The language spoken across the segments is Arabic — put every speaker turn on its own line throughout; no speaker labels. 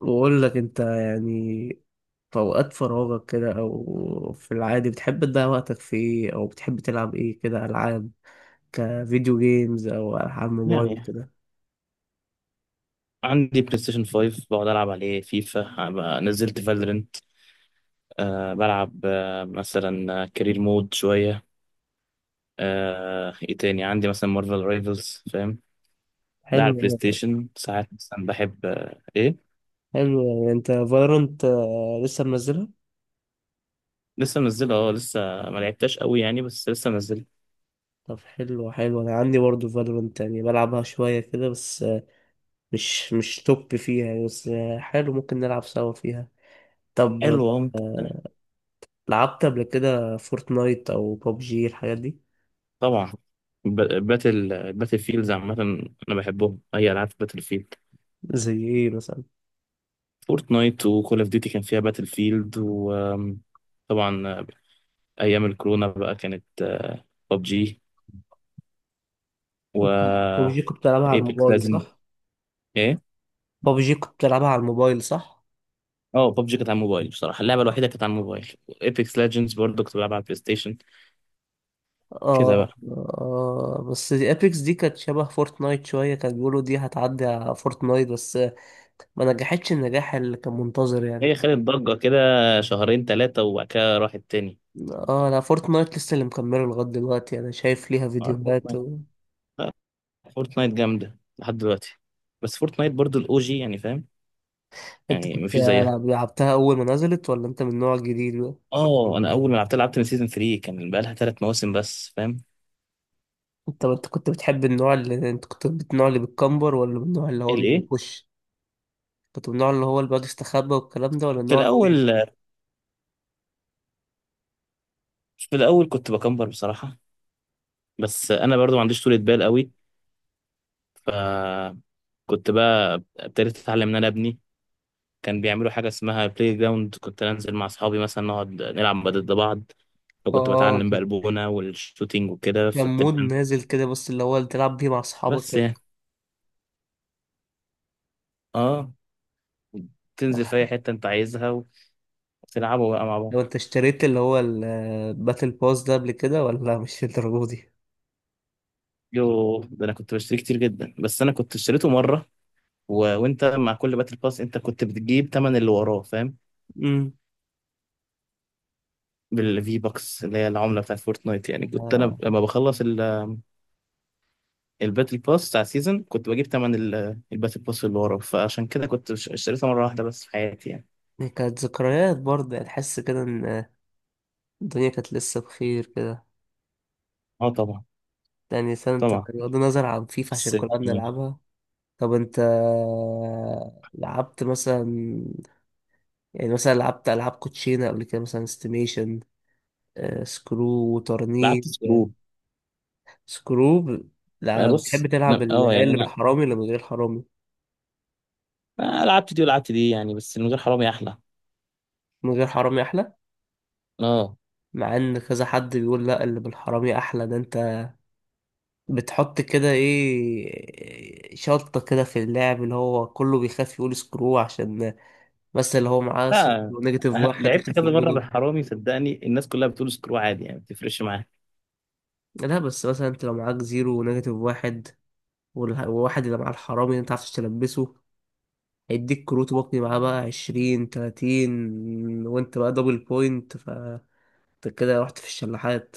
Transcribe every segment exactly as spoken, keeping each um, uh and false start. بقول لك انت يعني في اوقات فراغك كده او في العادي بتحب تضيع وقتك في ايه، او بتحب تلعب ايه كده؟ العاب كفيديو جيمز او العاب موبايل
يعني
كده؟
عندي بلاي ستيشن خمسة بقعد العب عليه فيفا. بقى- نزلت فالورنت. أه بلعب أه مثلا كارير مود شويه. أه ايه تاني، عندي مثلا مارفل رايفلز، فاهم؟ ده
حلو
على البلاي
أوي.
ستيشن. ساعات مثلا بحب أه ايه.
حلو، يعني انت فالورانت لسه منزلها؟
لسه منزله، اه لسه ما لعبتهاش قوي يعني، بس لسه منزله.
طب حلو حلو، انا عندي برضه فالورانت، يعني بلعبها شويه كده بس، آه، مش مش توب فيها يعني، بس آه، حلو، ممكن نلعب سوا فيها. طب
حلو، اه ممكن أنا-
آه، لعبت قبل كده فورتنايت او ببجي الحاجات دي؟
طبعا، ب- باتل باتل فيلدز عامة. أنا بحبهم أي ألعاب باتل فيلد.
زي ايه مثلا؟
فورتنايت وكول أوف ديوتي كان فيها باتل فيلد. وطبعا ايام الكورونا بقى كانت ببجي و
ببجي كنت بتلعبها على
ايبكس
الموبايل
لازم.
صح؟
ايه؟
ببجي كنت بتلعبها على الموبايل صح؟
اه ببجي كانت على الموبايل بصراحه، اللعبه الوحيده كانت على الموبايل. ايبكس ليجندز برضه كنت بلعبها على البلاي ستيشن. كده
آه,
بقى.
آه بس دي ابيكس دي كانت شبه فورتنايت شوية، كانوا بيقولوا دي هتعدي على فورتنايت، بس ما نجحتش النجاح اللي كان منتظر يعني.
هي خدت ضجه كده شهرين ثلاثه وبعد كده راحت تاني.
اه لا، فورتنايت لسه اللي مكمله لغاية دلوقتي، انا شايف ليها
آه،
فيديوهات
فورتنايت.
و...
آه، فورتنايت جامده لحد دلوقتي. بس فورتنايت برضه الاو جي، يعني فاهم،
انت
يعني
كنت
مفيش زيها.
لعبتها اول ما نزلت، ولا انت من النوع الجديد بقى؟
اه، انا اول ما لعبت لعبت من سيزون ثلاثة، كان بقى لها ثلاث مواسم بس، فاهم.
انت انت كنت بتحب النوع اللي انت، كنت من النوع اللي بتكمبر ولا من النوع اللي هو
الايه؟
بيخش؟ كنت من النوع اللي هو اللي بيقعد يستخبى والكلام ده، ولا
في
النوع اللي هو؟
الاول في الاول كنت بكمبر بصراحه، بس انا برضو ما عنديش طولة بال قوي، فكنت بقى ابتديت اتعلم. ان انا ابني كان بيعملوا حاجه اسمها بلاي جراوند، كنت انزل مع اصحابي مثلا نقعد نلعب ضد بعض، فكنت
اه
بتعلم بقى
كان،
البونه والشوتينج وكده،
كان
فابتديت
مود
انزل.
نازل كده بس، اللي هو اللي تلعب بيه مع اصحابك
بس
كده.
يعني اه، تنزل في اي حته انت عايزها وتلعبوا بقى مع بعض.
لو انت اشتريت اللي هو الباتل باس ده قبل كده ولا مش الدرجة دي؟
يو، ده انا كنت بشتري كتير جدا، بس انا كنت اشتريته مره، و... وانت مع كل باتل باس انت كنت بتجيب تمن اللي وراه، فاهم،
امم.
بالفي بوكس اللي هي العمله بتاعت فورتنايت. يعني كنت انا
آه،
لما بخلص الباتل باس بتاع سيزون كنت بجيب تمن ال- الباتل باس اللي ورا، فعشان كده كنت ش- اشتريتها مرة واحدة بس في حياتي يعني.
كانت ذكريات برضه يعني، تحس كده ان الدنيا كانت لسه بخير كده.
اه طبعا.
يعني سنة، انت
طبعا،
بغض النظر عن فيفا عشان
بس
كلنا
يعني
بنلعبها. طب انت لعبت مثلا، يعني مثلا لعبت ألعاب كوتشينة قبل كده؟ مثلا استيميشن، آه، سكرو
لعبت
وترنيب؟
سكرو.
سكروب.
آه
لا، بتحب
بص،
تلعب
أنا- اه
ال-
يعني
اللي
انا
بالحرامي ولا من غير حرامي؟
آه، لعبت دي ولعبت دي يعني، بس من غير حرامي احلى.
من غير حرامي احلى.
اه.
مع ان كذا حد بيقول لا، اللي بالحرامي احلى. ده انت بتحط كده ايه، شطة كده في اللعب، اللي هو كله بيخاف يقول سكرو عشان، بس اللي هو معاه صفر
لا
ونيجاتيف
آه،
واحد
لعبت
يخاف
كذا
يجيله
مرة
دول.
بالحرامي، صدقني الناس كلها بتقول سكرو عادي، يعني ما بتفرقش معايا.
لا بس مثلا انت لو معاك زيرو ونيجاتيف واحد، والح- والواحد اللي معاه الحرامي اللي انت عارفش تلبسه، هيديك كروت وقني معاه بقى عشرين تلاتين، وانت بقى دبل بوينت، انت كده رحت في الشلاحات.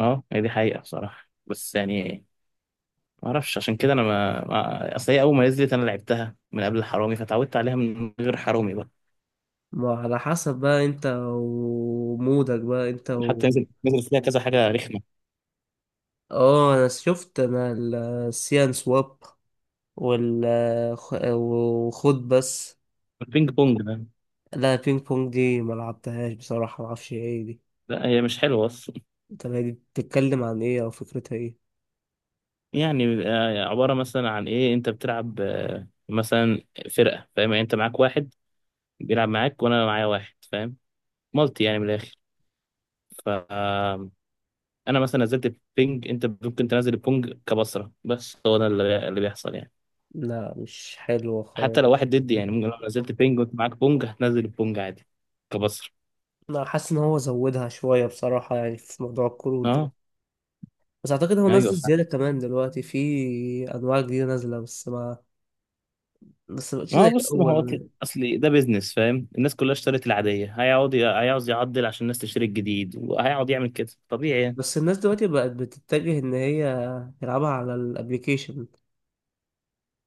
اه هي دي حقيقة بصراحة، بس يعني ما اعرفش. عشان كده انا ما ما- اصل هي اول ما نزلت انا لعبتها من قبل الحرامي، فتعودت عليها من غير حرامي بقى.
ما على حسب بقى انت ومودك بقى انت و...
حتى نزل نزل فيها كذا حاجة رخمة.
اه انا شفت، انا السيان سواب وال، خ- وخد بس.
البينج بونج ده؟
لا بينج بونج دي ما لعبتهاش بصراحة، ما اعرفش ايه دي.
لا، هي مش حلوة أصلا.
طب هي دي بتتكلم عن ايه او فكرتها ايه؟
يعني آه، عبارة مثلا عن إيه، أنت بتلعب آه، مثلا فرقة، فاهم يعني، أنت معاك واحد بيلعب معاك وأنا معايا واحد، فاهم، مالتي يعني من الآخر. فأنا مثلا نزلت البينج، أنت ممكن تنزل البونج كبصرة. بس هو ده اللي اللي بيحصل يعني.
لا مش حلوة
حتى لو
خالص.
واحد ضدي، يعني ممكن لو نزلت بينج وأنت معاك بونج هتنزل البونج عادي كبصرة.
انا حاسس ان هو زودها شوية بصراحة يعني، في موضوع الكروت ده.
أه
بس اعتقد هو نزل
أيوه.
زيادة كمان دلوقتي، في انواع جديدة نازلة، بس ما، بس مبقتش
ما
زي
هو بص، ما هو أكل-
الاول.
اصل ده بيزنس فاهم، الناس كلها اشترت العاديه، هيقعد ي- هيعوز يعدل عشان الناس تشتري الجديد، وهيقعد يعمل كده طبيعي يعني.
بس الناس دلوقتي بقت بتتجه ان هي تلعبها على الابليكيشن.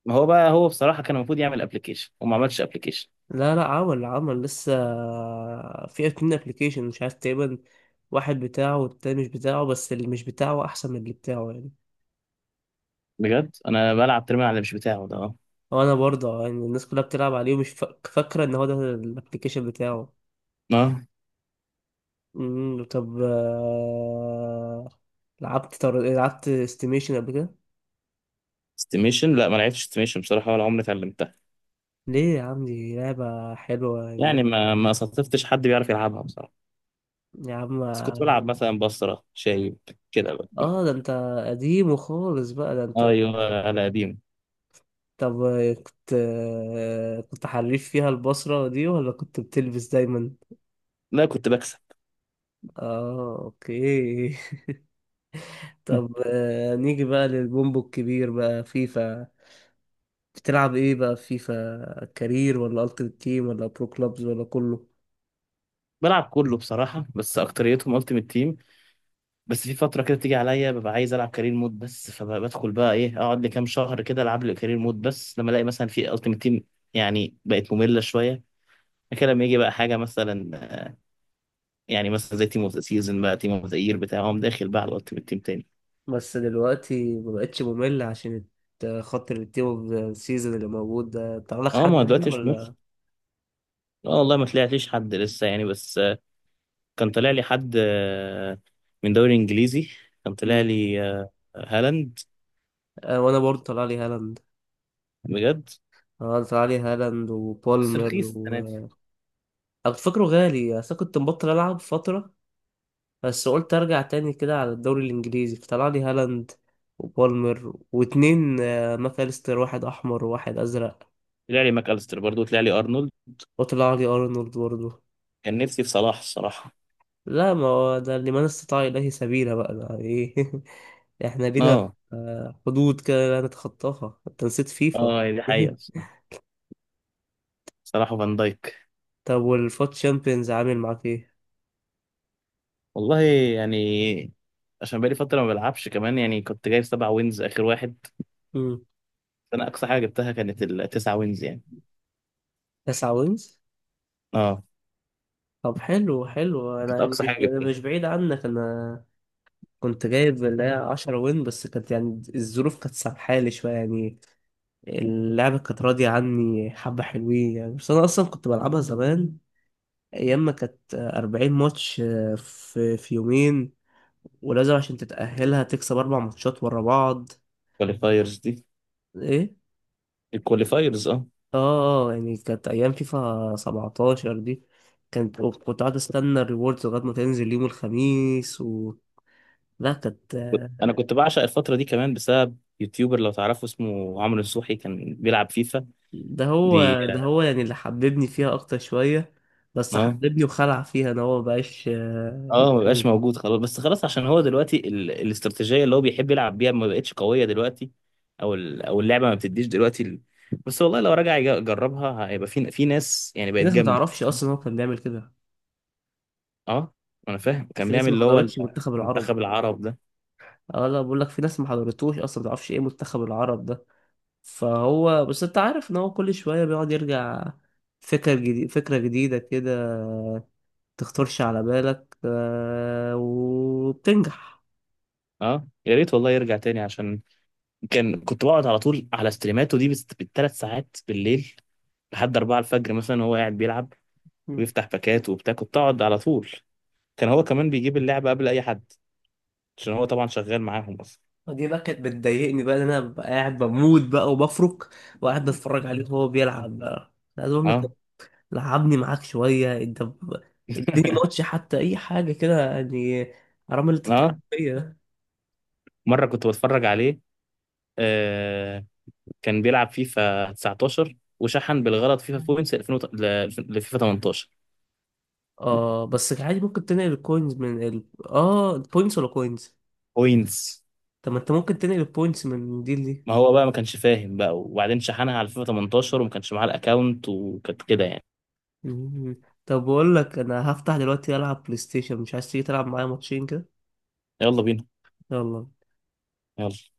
ما هو بقى، هو بصراحه كان المفروض يعمل ابلكيشن وما عملش ابلكيشن.
لا لا، عمل عمل لسه، في اتنين ابليكيشن مش عارف تقريبا، واحد بتاعه والتاني مش بتاعه، بس اللي مش بتاعه احسن من اللي بتاعه يعني.
بجد انا بلعب ترمي على اللي مش بتاعه ده، اه.
وانا برضه يعني الناس كلها بتلعب عليه، ومش فا- فاكره ان هو ده الابليكيشن بتاعه.
اه
مم، طب آه، لعبت طر... لعبت استيميشن قبل كده؟
استيميشن؟ لا ما لعبتش استيميشن بصراحه، ولا عمري اتعلمتها.
ليه يا عم، دي لعبة حلوة
يعني
يعني.
ما ما صادفتش حد بيعرف يلعبها بصراحه.
يا عم.
بس كنت بلعب مثلا بصره شايب كده بقى.
اه ده انت قديم وخالص بقى ده انت.
ايوه على قديم.
طب آه، كنت، آه، كنت حريف فيها البصرة دي ولا كنت بتلبس دايما؟
لا كنت بكسب.
اه اوكي. طب آه، نيجي بقى للبومبو الكبير بقى، فيفا. بتلعب ايه بقى في فيفا؟ كارير ولا التيمت تيم ولا برو كلوبز ولا كله؟
بلعب كله بصراحه، بس اكتريتهم التيمت تيم. بس في فترة كده تيجي عليا ببقى عايز ألعب كارير مود بس، فبدخل بقى، إيه، أقعد لي كام شهر كده ألعب لي كارير مود بس، لما ألاقي مثلا في ألتيمت تيم يعني بقت مملة شوية كده، لما يجي بقى حاجة مثلا، يعني مثلا زي تيم أوف ذا سيزون بقى، تيم أوف ذا يير بتاع، أقوم داخل بقى على الألتيمت تيم تاني.
بس دلوقتي مبقتش ممل عشان الت- خاطر التيم اوف ذا سيزون اللي موجود ده، طلع لك
أه، ما
حد مين
دلوقتي مش مخ.
ولا؟
أه والله ما طلعتليش حد لسه يعني، بس آه، كان طالع لي حد آه، من دوري إنجليزي، كان طالع
مم.
لي آه، هالاند.
آه وانا برضه طلع لي هالاند.
بجد؟
اه طلع لي هالاند
بس
وبولمر
رخيص السنة دي.
و... أنا كنت فاكره غالي، أصل أنا كنت مبطل ألعب فترة، بس قلت ارجع تاني كده على الدوري الانجليزي، فطلع لي هالاند وبالمر واتنين، آه، ماكاليستر، واحد احمر وواحد ازرق.
طلع لي ماك أليستر برضه، طلع لي أرنولد.
وطلع لي ارنولد برضه.
كان نفسي في صلاح الصراحة.
لا ما هو ده اللي من استطاع اليه سبيلا بقى، ده ايه؟ احنا لينا
اه.
آه، حدود كده لا نتخطاها، انت نسيت فيفا؟
اه دي حقيقة. صراحة فان دايك.
طب والفوت تشامبيونز عامل معاك ايه؟
والله يعني، عشان بقالي فترة ما بلعبش كمان، يعني كنت جايب سبع وينز آخر واحد.
مم.
أنا أقصى حاجة جبتها كانت التسع وينز يعني.
تسعة وينز؟
اه،
طب حلو حلو، انا
كانت
يعني
أقصى
مش،
حاجة جبتها.
مش بعيد عنك انا، كنت جايب اللي هي عشرة وين، بس كانت يعني الظروف كانت سامحالي شوية يعني، اللعبة كانت راضية عني حبة حلوين يعني. بس أنا أصلا كنت بلعبها زمان، أيام ما كانت أربعين ماتش في في يومين، ولازم عشان تتأهلها تكسب أربع ماتشات ورا بعض.
الكواليفايرز دي؟
إيه؟
الكواليفايرز، اه.
آه. آه، يعني كانت أيام فيفا سبعتاشر دي، كانت كنت قاعد أستنى الريوردز لغاية ما تنزل يوم الخميس، و... لا كانت.
أنا كنت بعشق الفترة دي كمان، بسبب يوتيوبر لو تعرفه، اسمه عمرو نصوحي، كان بيلعب فيفا.
ده
بي.
هو ده هو يعني اللي حببني فيها اكتر شويه. بس
اه آه.
حببني وخلع فيها ان هو مبقاش آه،
اه، ما بقاش
بيتكلم.
موجود خلاص، بس خلاص عشان هو دلوقتي ال... الاستراتيجيه اللي هو بيحب يلعب بيها ما بقتش قويه دلوقتي، او ال... او اللعبه ما بتديش دلوقتي ال... بس والله لو رجع يج- يجربها هيبقى، في في ناس يعني
في
بقت
ناس ما
جامده.
تعرفش اصلا هو كان بيعمل كده.
اه، انا فاهم كان
في ناس
بيعمل
ما
اللي هو
حضرتش منتخب العرب.
المنتخب العرب ده.
اه لا، بقول لك في ناس ما حضرتوش اصلا، ما تعرفش ايه منتخب العرب ده. فهو بس انت عارف ان هو كل شويه بيقعد يرجع، فكره جديده فكره جديده كده، تخطرش على بالك، آه، وبتنجح.
اه يا ريت والله يرجع تاني، عشان كان كنت بقعد على طول على ستريماته دي، بس بالثلاث ساعات بالليل لحد أربعة الفجر مثلا، وهو قاعد بيلعب ويفتح باكات وبتاع، كنت اقعد على طول. كان هو كمان بيجيب اللعبه قبل اي حد، عشان هو طبعا شغال معاهم أصلا.
دي بقى كانت بتضايقني بقى، إن انا ببقى قاعد بموت بقى وبفرك، وقاعد بتفرج عليه وهو بيلعب بقى. أنا عايز اقول له طب
اه.
لعبني معاك شويه، انت ب- اديني ماتش حتى، اي حاجه كده يعني، حرام اللي انت بتعمله
اه
فيا ده.
مره كنت بتفرج عليه، آه، كان بيلعب فيفا تسعتاشر وشحن بالغلط فيفا بوينتس ألفين وت- ل- لفيفا تمنتاشر
اه بس عادي، ممكن تنقل الكوينز من ال... اه البوينتس، ولا كوينز؟
بوينتس.
طب ما انت ممكن تنقل البوينتس من دي لدي.
ما هو بقى ما كانش فاهم بقى، وبعدين شحنها على فيفا تمنتاشر وما كانش معاه الاكونت، وكانت كده يعني.
مم. طب بقول لك انا هفتح دلوقتي العب بلاي ستيشن، مش عايز تيجي تلعب معايا ماتشين كده؟
يلا بينا.
يلا.
يلا.